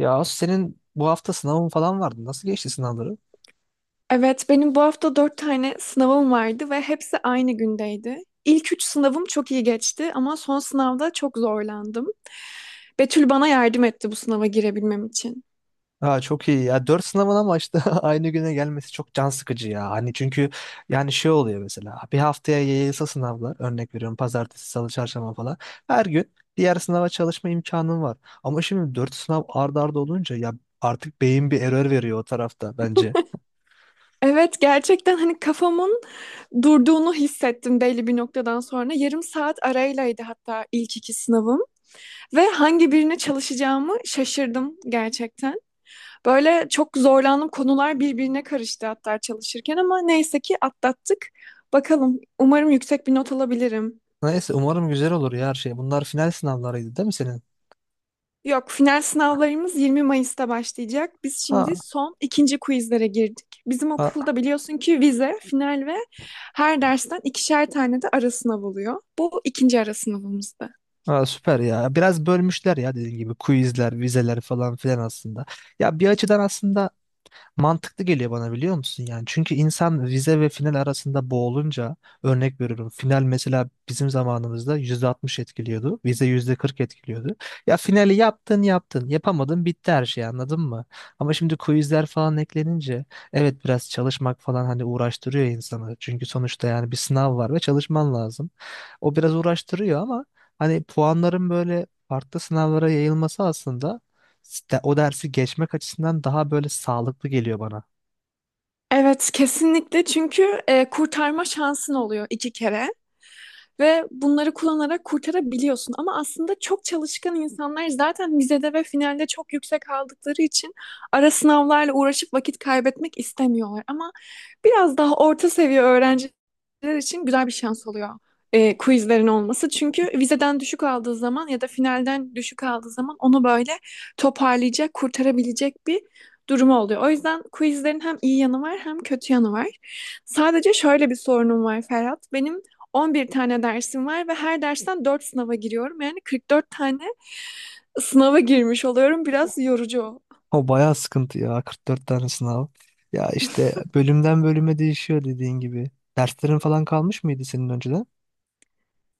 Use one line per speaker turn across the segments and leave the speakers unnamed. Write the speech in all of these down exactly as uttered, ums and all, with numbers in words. Ya Asu, senin bu hafta sınavın falan vardı. Nasıl geçti sınavları?
Evet, benim bu hafta dört tane sınavım vardı ve hepsi aynı gündeydi. İlk üç sınavım çok iyi geçti ama son sınavda çok zorlandım. Betül bana yardım etti bu sınava girebilmem için.
Ha, çok iyi ya. Dört sınavın ama işte aynı güne gelmesi çok can sıkıcı ya. Hani çünkü yani şey oluyor mesela. Bir haftaya yayılsa sınavlar. Örnek veriyorum pazartesi, salı, çarşamba falan. Her gün diğer sınava çalışma imkanın var. Ama şimdi dört sınav ard arda olunca ya artık beyin bir error veriyor o tarafta bence.
Evet, gerçekten hani kafamın durduğunu hissettim belli bir noktadan sonra. Yarım saat araylaydı hatta ilk iki sınavım ve hangi birine çalışacağımı şaşırdım gerçekten. Böyle çok zorlandığım konular birbirine karıştı hatta çalışırken ama neyse ki atlattık. Bakalım umarım yüksek bir not alabilirim.
Neyse umarım güzel olur ya her şey. Bunlar final sınavlarıydı değil mi senin?
Yok, final sınavlarımız yirmi Mayıs'ta başlayacak. Biz şimdi
Ha,
son ikinci quizlere girdik. Bizim
ha.
okulda biliyorsun ki vize, final ve her dersten ikişer tane de ara sınav oluyor. Bu ikinci ara sınavımızdı.
Ha, süper ya. Biraz bölmüşler ya dediğin gibi quizler, vizeler falan filan aslında. Ya bir açıdan aslında mantıklı geliyor bana biliyor musun yani? Çünkü insan vize ve final arasında boğulunca örnek veriyorum. Final mesela bizim zamanımızda yüzde altmış etkiliyordu. Vize yüzde kırk etkiliyordu. Ya finali yaptın yaptın. Yapamadın bitti her şey anladın mı? Ama şimdi quizler falan eklenince evet biraz çalışmak falan hani uğraştırıyor insanı. Çünkü sonuçta yani bir sınav var ve çalışman lazım. O biraz uğraştırıyor ama hani puanların böyle farklı sınavlara yayılması aslında Ste- o dersi geçmek açısından daha böyle sağlıklı geliyor bana.
Evet, kesinlikle çünkü e, kurtarma şansın oluyor iki kere ve bunları kullanarak kurtarabiliyorsun. Ama aslında çok çalışkan insanlar zaten vizede ve finalde çok yüksek aldıkları için ara sınavlarla uğraşıp vakit kaybetmek istemiyorlar. Ama biraz daha orta seviye öğrenciler için güzel bir şans oluyor e, quizlerin olması. Çünkü vizeden düşük aldığı zaman ya da finalden düşük aldığı zaman onu böyle toparlayacak, kurtarabilecek bir durumu oluyor. O yüzden quizlerin hem iyi yanı var hem kötü yanı var. Sadece şöyle bir sorunum var Ferhat. Benim on bir tane dersim var ve her dersten dört sınava giriyorum. Yani kırk dört tane sınava girmiş oluyorum. Biraz yorucu.
O bayağı sıkıntı ya, kırk dört tane sınav. Ya işte bölümden bölüme değişiyor dediğin gibi. Derslerin falan kalmış mıydı senin önceden?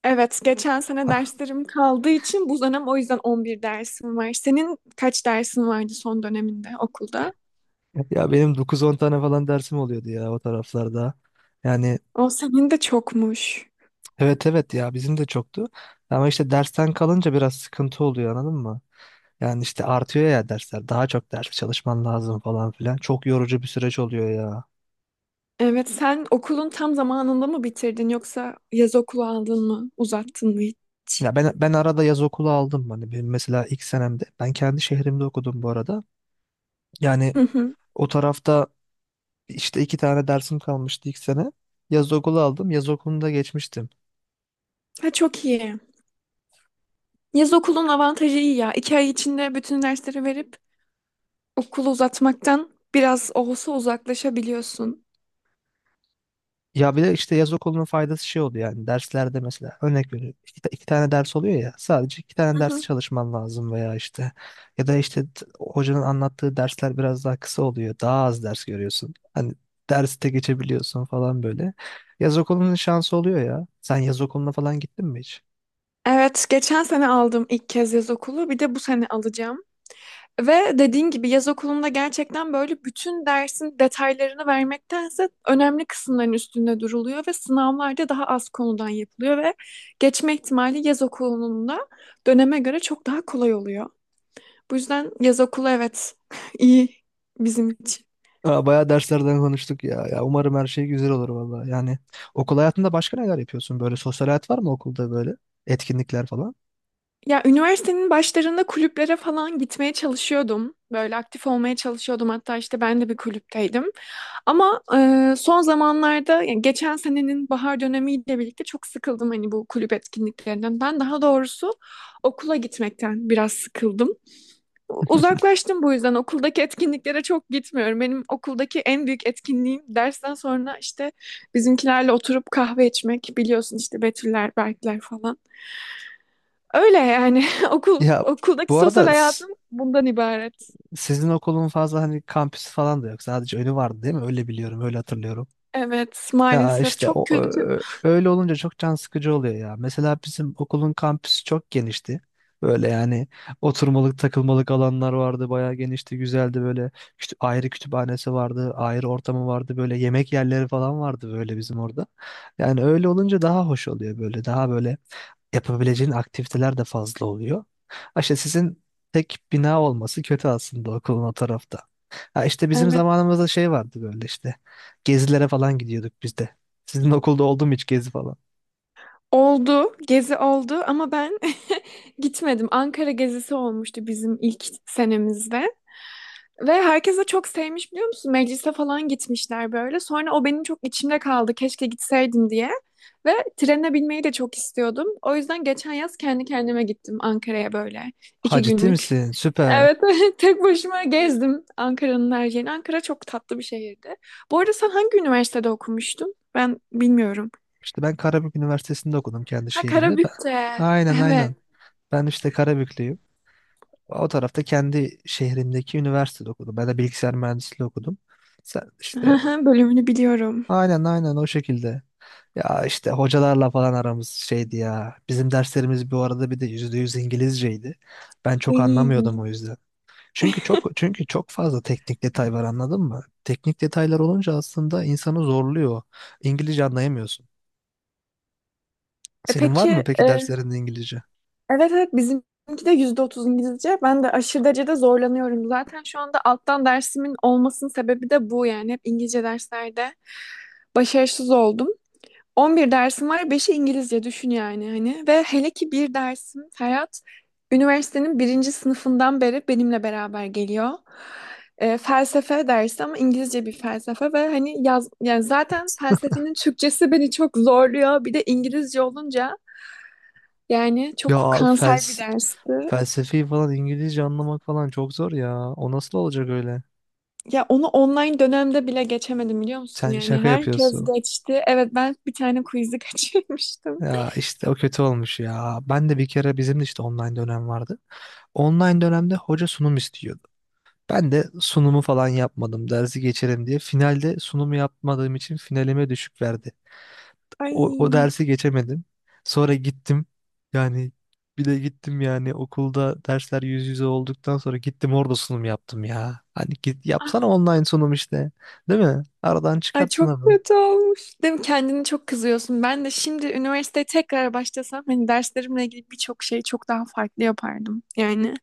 Evet, geçen sene derslerim kaldığı için bu dönem o yüzden on bir dersim var. Senin kaç dersin vardı son döneminde okulda?
Ya benim dokuz on tane falan dersim oluyordu ya o taraflarda. Yani
O senin de çokmuş.
evet evet ya bizim de çoktu. Ama işte dersten kalınca biraz sıkıntı oluyor anladın mı? Yani işte artıyor ya dersler. Daha çok ders çalışman lazım falan filan. Çok yorucu bir süreç oluyor ya.
Evet, sen okulun tam zamanında mı bitirdin yoksa yaz okulu aldın mı, uzattın mı hiç?
Ya ben ben arada yaz okulu aldım. Hani benim mesela ilk senemde ben kendi şehrimde okudum bu arada. Yani
Hı hı.
o tarafta işte iki tane dersim kalmıştı ilk sene. Yaz okulu aldım. Yaz okulunda geçmiştim.
Ha, çok iyi. Yaz okulun avantajı iyi ya. İki ay içinde bütün dersleri verip okulu uzatmaktan biraz olsa uzaklaşabiliyorsun.
Ya bir de işte yaz okulunun faydası şey oluyor yani derslerde mesela örnek veriyorum iki, ta- iki tane ders oluyor ya sadece iki tane
Hı
ders
hı.
çalışman lazım veya işte ya da işte t- hocanın anlattığı dersler biraz daha kısa oluyor daha az ders görüyorsun hani derste geçebiliyorsun falan böyle yaz okulunun şansı oluyor ya, sen yaz okuluna falan gittin mi hiç?
Evet, geçen sene aldım ilk kez yaz okulu. Bir de bu sene alacağım. Ve dediğin gibi yaz okulunda gerçekten böyle bütün dersin detaylarını vermektense önemli kısımların üstünde duruluyor ve sınavlarda daha az konudan yapılıyor ve geçme ihtimali yaz okulunun da döneme göre çok daha kolay oluyor. Bu yüzden yaz okulu evet, iyi bizim için.
Aa, bayağı derslerden konuştuk ya. Ya umarım her şey güzel olur valla. Yani okul hayatında başka neler yapıyorsun? Böyle sosyal hayat var mı okulda böyle? Etkinlikler falan?
Ya üniversitenin başlarında kulüplere falan gitmeye çalışıyordum. Böyle aktif olmaya çalışıyordum. Hatta işte ben de bir kulüpteydim. Ama e, son zamanlarda, yani geçen senenin bahar dönemiyle birlikte çok sıkıldım hani bu kulüp etkinliklerinden. Ben daha doğrusu okula gitmekten biraz sıkıldım. Uzaklaştım, bu yüzden okuldaki etkinliklere çok gitmiyorum. Benim okuldaki en büyük etkinliğim dersten sonra işte bizimkilerle oturup kahve içmek. Biliyorsun işte Betüller, Berkler falan. Öyle yani, okul
Ya
okuldaki
bu
sosyal
arada
hayatım bundan ibaret.
sizin okulun fazla hani kampüsü falan da yok. Sadece önü vardı değil mi? Öyle biliyorum, öyle hatırlıyorum.
Evet,
Ya
maalesef
işte
çok
o,
kötü.
ö- öyle olunca çok can sıkıcı oluyor ya. Mesela bizim okulun kampüsü çok genişti. Böyle yani oturmalık takılmalık alanlar vardı. Bayağı genişti, güzeldi böyle. Kütü- ayrı kütüphanesi vardı, ayrı ortamı vardı. Böyle yemek yerleri falan vardı böyle bizim orada. Yani öyle olunca daha hoş oluyor böyle. Daha böyle yapabileceğin aktiviteler de fazla oluyor. Ha işte sizin tek bina olması kötü aslında okulun o tarafta. Ha işte bizim
Evet.
zamanımızda şey vardı böyle işte. Gezilere falan gidiyorduk biz de. Sizin okulda oldu mu hiç gezi falan?
Oldu. Gezi oldu ama ben gitmedim. Ankara gezisi olmuştu bizim ilk senemizde. Ve herkes de çok sevmiş, biliyor musun? Meclise falan gitmişler böyle. Sonra o benim çok içimde kaldı, keşke gitseydim diye. Ve trene binmeyi de çok istiyordum. O yüzden geçen yaz kendi kendime gittim Ankara'ya, böyle
Ha,
iki
ciddi
günlük.
misin? Süper.
Evet, tek başıma gezdim Ankara'nın her yerini. Ankara çok tatlı bir şehirdi. Bu arada sen hangi üniversitede okumuştun? Ben bilmiyorum.
İşte ben Karabük Üniversitesi'nde okudum kendi
Ha,
şehrimde. Ben...
Karabük'te.
Aynen
Evet.
aynen. Ben işte Karabüklüyüm. O tarafta kendi şehrimdeki üniversitede okudum. Ben de bilgisayar mühendisliği okudum. Sen işte
Bölümünü biliyorum.
aynen aynen o şekilde. Ya işte hocalarla falan aramız şeydi ya. Bizim derslerimiz bu arada bir de yüzde yüz İngilizceydi. Ben çok
Iy.
anlamıyordum o yüzden. Çünkü çok çünkü çok fazla teknik detay var anladın mı? Teknik detaylar olunca aslında insanı zorluyor. İngilizce anlayamıyorsun.
E
Senin var mı
peki, e,
peki derslerinde İngilizce?
evet evet, bizimki de yüzde otuz İngilizce. Ben de aşırı derecede zorlanıyorum. Zaten şu anda alttan dersimin olmasının sebebi de bu yani. Hep İngilizce derslerde başarısız oldum. on bir dersim var, beşi İngilizce, düşün yani hani. Ve hele ki bir dersim Ferhat, üniversitenin birinci sınıfından beri benimle beraber geliyor. Ee, felsefe dersi ama İngilizce bir felsefe ve hani yaz, yani zaten felsefenin Türkçesi beni çok zorluyor. Bir de İngilizce olunca yani
Ya
çok
abi
kanser bir
fels
dersti.
felsefi falan İngilizce anlamak falan çok zor ya. O nasıl olacak öyle?
Ya onu online dönemde bile geçemedim, biliyor musun?
Sen
Yani
şaka
herkes
yapıyorsun.
geçti. Evet, ben bir tane quiz'i kaçırmıştım.
Ya işte o kötü olmuş ya. Ben de bir kere bizim de işte online dönem vardı. Online dönemde hoca sunum istiyordu. Ben de sunumu falan yapmadım dersi geçerim diye. Finalde sunumu yapmadığım için finalime düşük verdi. O, o
Ay.
dersi geçemedim. Sonra gittim. Yani bir de gittim yani okulda dersler yüz yüze olduktan sonra gittim orada sunum yaptım ya. Hani git yapsana online sunum işte. Değil mi? Aradan
Ay,
çıkart
çok
sınavı.
kötü olmuş. Değil mi? Kendini çok kızıyorsun. Ben de şimdi üniversiteye tekrar başlasam hani derslerimle ilgili birçok şeyi çok daha farklı yapardım. Yani.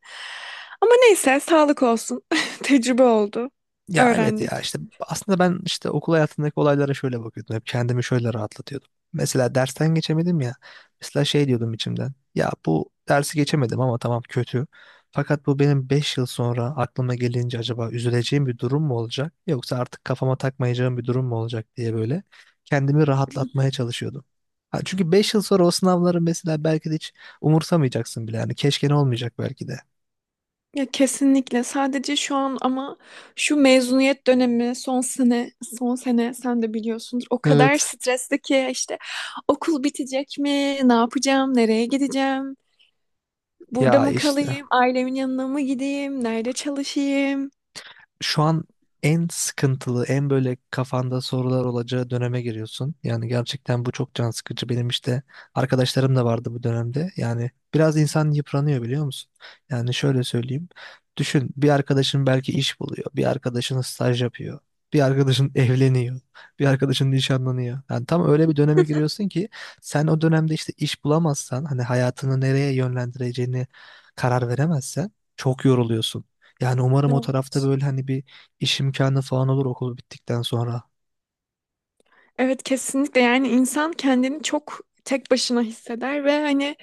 Ama neyse, sağlık olsun. Tecrübe oldu.
Ya evet ya
Öğrendik.
işte aslında ben işte okul hayatındaki olaylara şöyle bakıyordum. Hep kendimi şöyle rahatlatıyordum. Mesela dersten geçemedim ya. Mesela şey diyordum içimden. Ya bu dersi geçemedim ama tamam kötü. Fakat bu benim beş yıl sonra aklıma gelince acaba üzüleceğim bir durum mu olacak? Yoksa artık kafama takmayacağım bir durum mu olacak diye böyle kendimi
Hı hı.
rahatlatmaya çalışıyordum. Ha, çünkü beş yıl sonra o sınavları mesela belki de hiç umursamayacaksın bile. Yani keşke ne olmayacak belki de.
Ya kesinlikle. Sadece şu an ama şu mezuniyet dönemi son sene, son sene sen de biliyorsundur. O kadar
Evet.
stresli ki işte okul bitecek mi? Ne yapacağım? Nereye gideceğim? Burada
Ya
mı
işte
kalayım? Ailemin yanına mı gideyim? Nerede çalışayım?
şu an en sıkıntılı, en böyle kafanda sorular olacağı döneme giriyorsun. Yani gerçekten bu çok can sıkıcı. Benim işte arkadaşlarım da vardı bu dönemde. Yani biraz insan yıpranıyor biliyor musun? Yani şöyle söyleyeyim. Düşün bir arkadaşın belki iş buluyor. Bir arkadaşın staj yapıyor. Bir arkadaşın evleniyor. Bir arkadaşın nişanlanıyor. Yani tam öyle bir döneme giriyorsun ki sen o dönemde işte iş bulamazsan hani hayatını nereye yönlendireceğini karar veremezsen çok yoruluyorsun. Yani umarım o
Evet.
tarafta böyle hani bir iş imkanı falan olur okul bittikten sonra.
Evet, kesinlikle yani insan kendini çok tek başına hisseder ve hani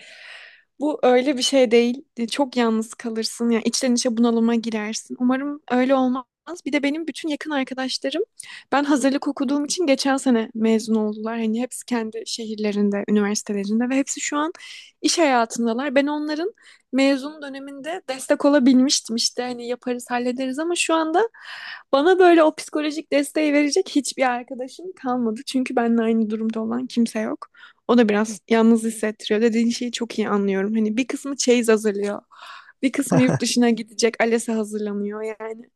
bu öyle bir şey değil. E, Çok yalnız kalırsın. Yani içten içe bunalıma girersin. Umarım öyle olmaz. Bir de benim bütün yakın arkadaşlarım, ben hazırlık okuduğum için, geçen sene mezun oldular. Hani hepsi kendi şehirlerinde, üniversitelerinde ve hepsi şu an iş hayatındalar. Ben onların mezun döneminde destek olabilmiştim, işte hani yaparız hallederiz, ama şu anda bana böyle o psikolojik desteği verecek hiçbir arkadaşım kalmadı. Çünkü benimle aynı durumda olan kimse yok. O da biraz yalnız hissettiriyor. Dediğin şeyi çok iyi anlıyorum. Hani bir kısmı çeyiz hazırlıyor. Bir kısmı yurt dışına gidecek. ALES'e hazırlanıyor yani.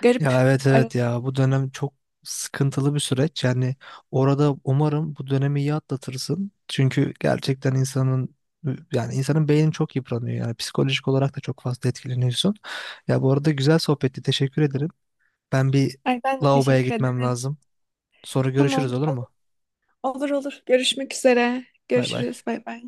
Garip
Ya evet evet ya
aralarında.
bu dönem çok sıkıntılı bir süreç. Yani orada umarım bu dönemi iyi atlatırsın. Çünkü gerçekten insanın yani insanın beyni çok yıpranıyor. Yani psikolojik olarak da çok fazla etkileniyorsun. Ya bu arada güzel sohbetti. Teşekkür ederim. Ben bir
Ay, ben de
lavaboya
teşekkür
gitmem
ederim.
lazım. Sonra görüşürüz
Tamam.
olur
Olur
mu?
olur. Olur. Görüşmek üzere.
Bay bay.
Görüşürüz. Bay bay.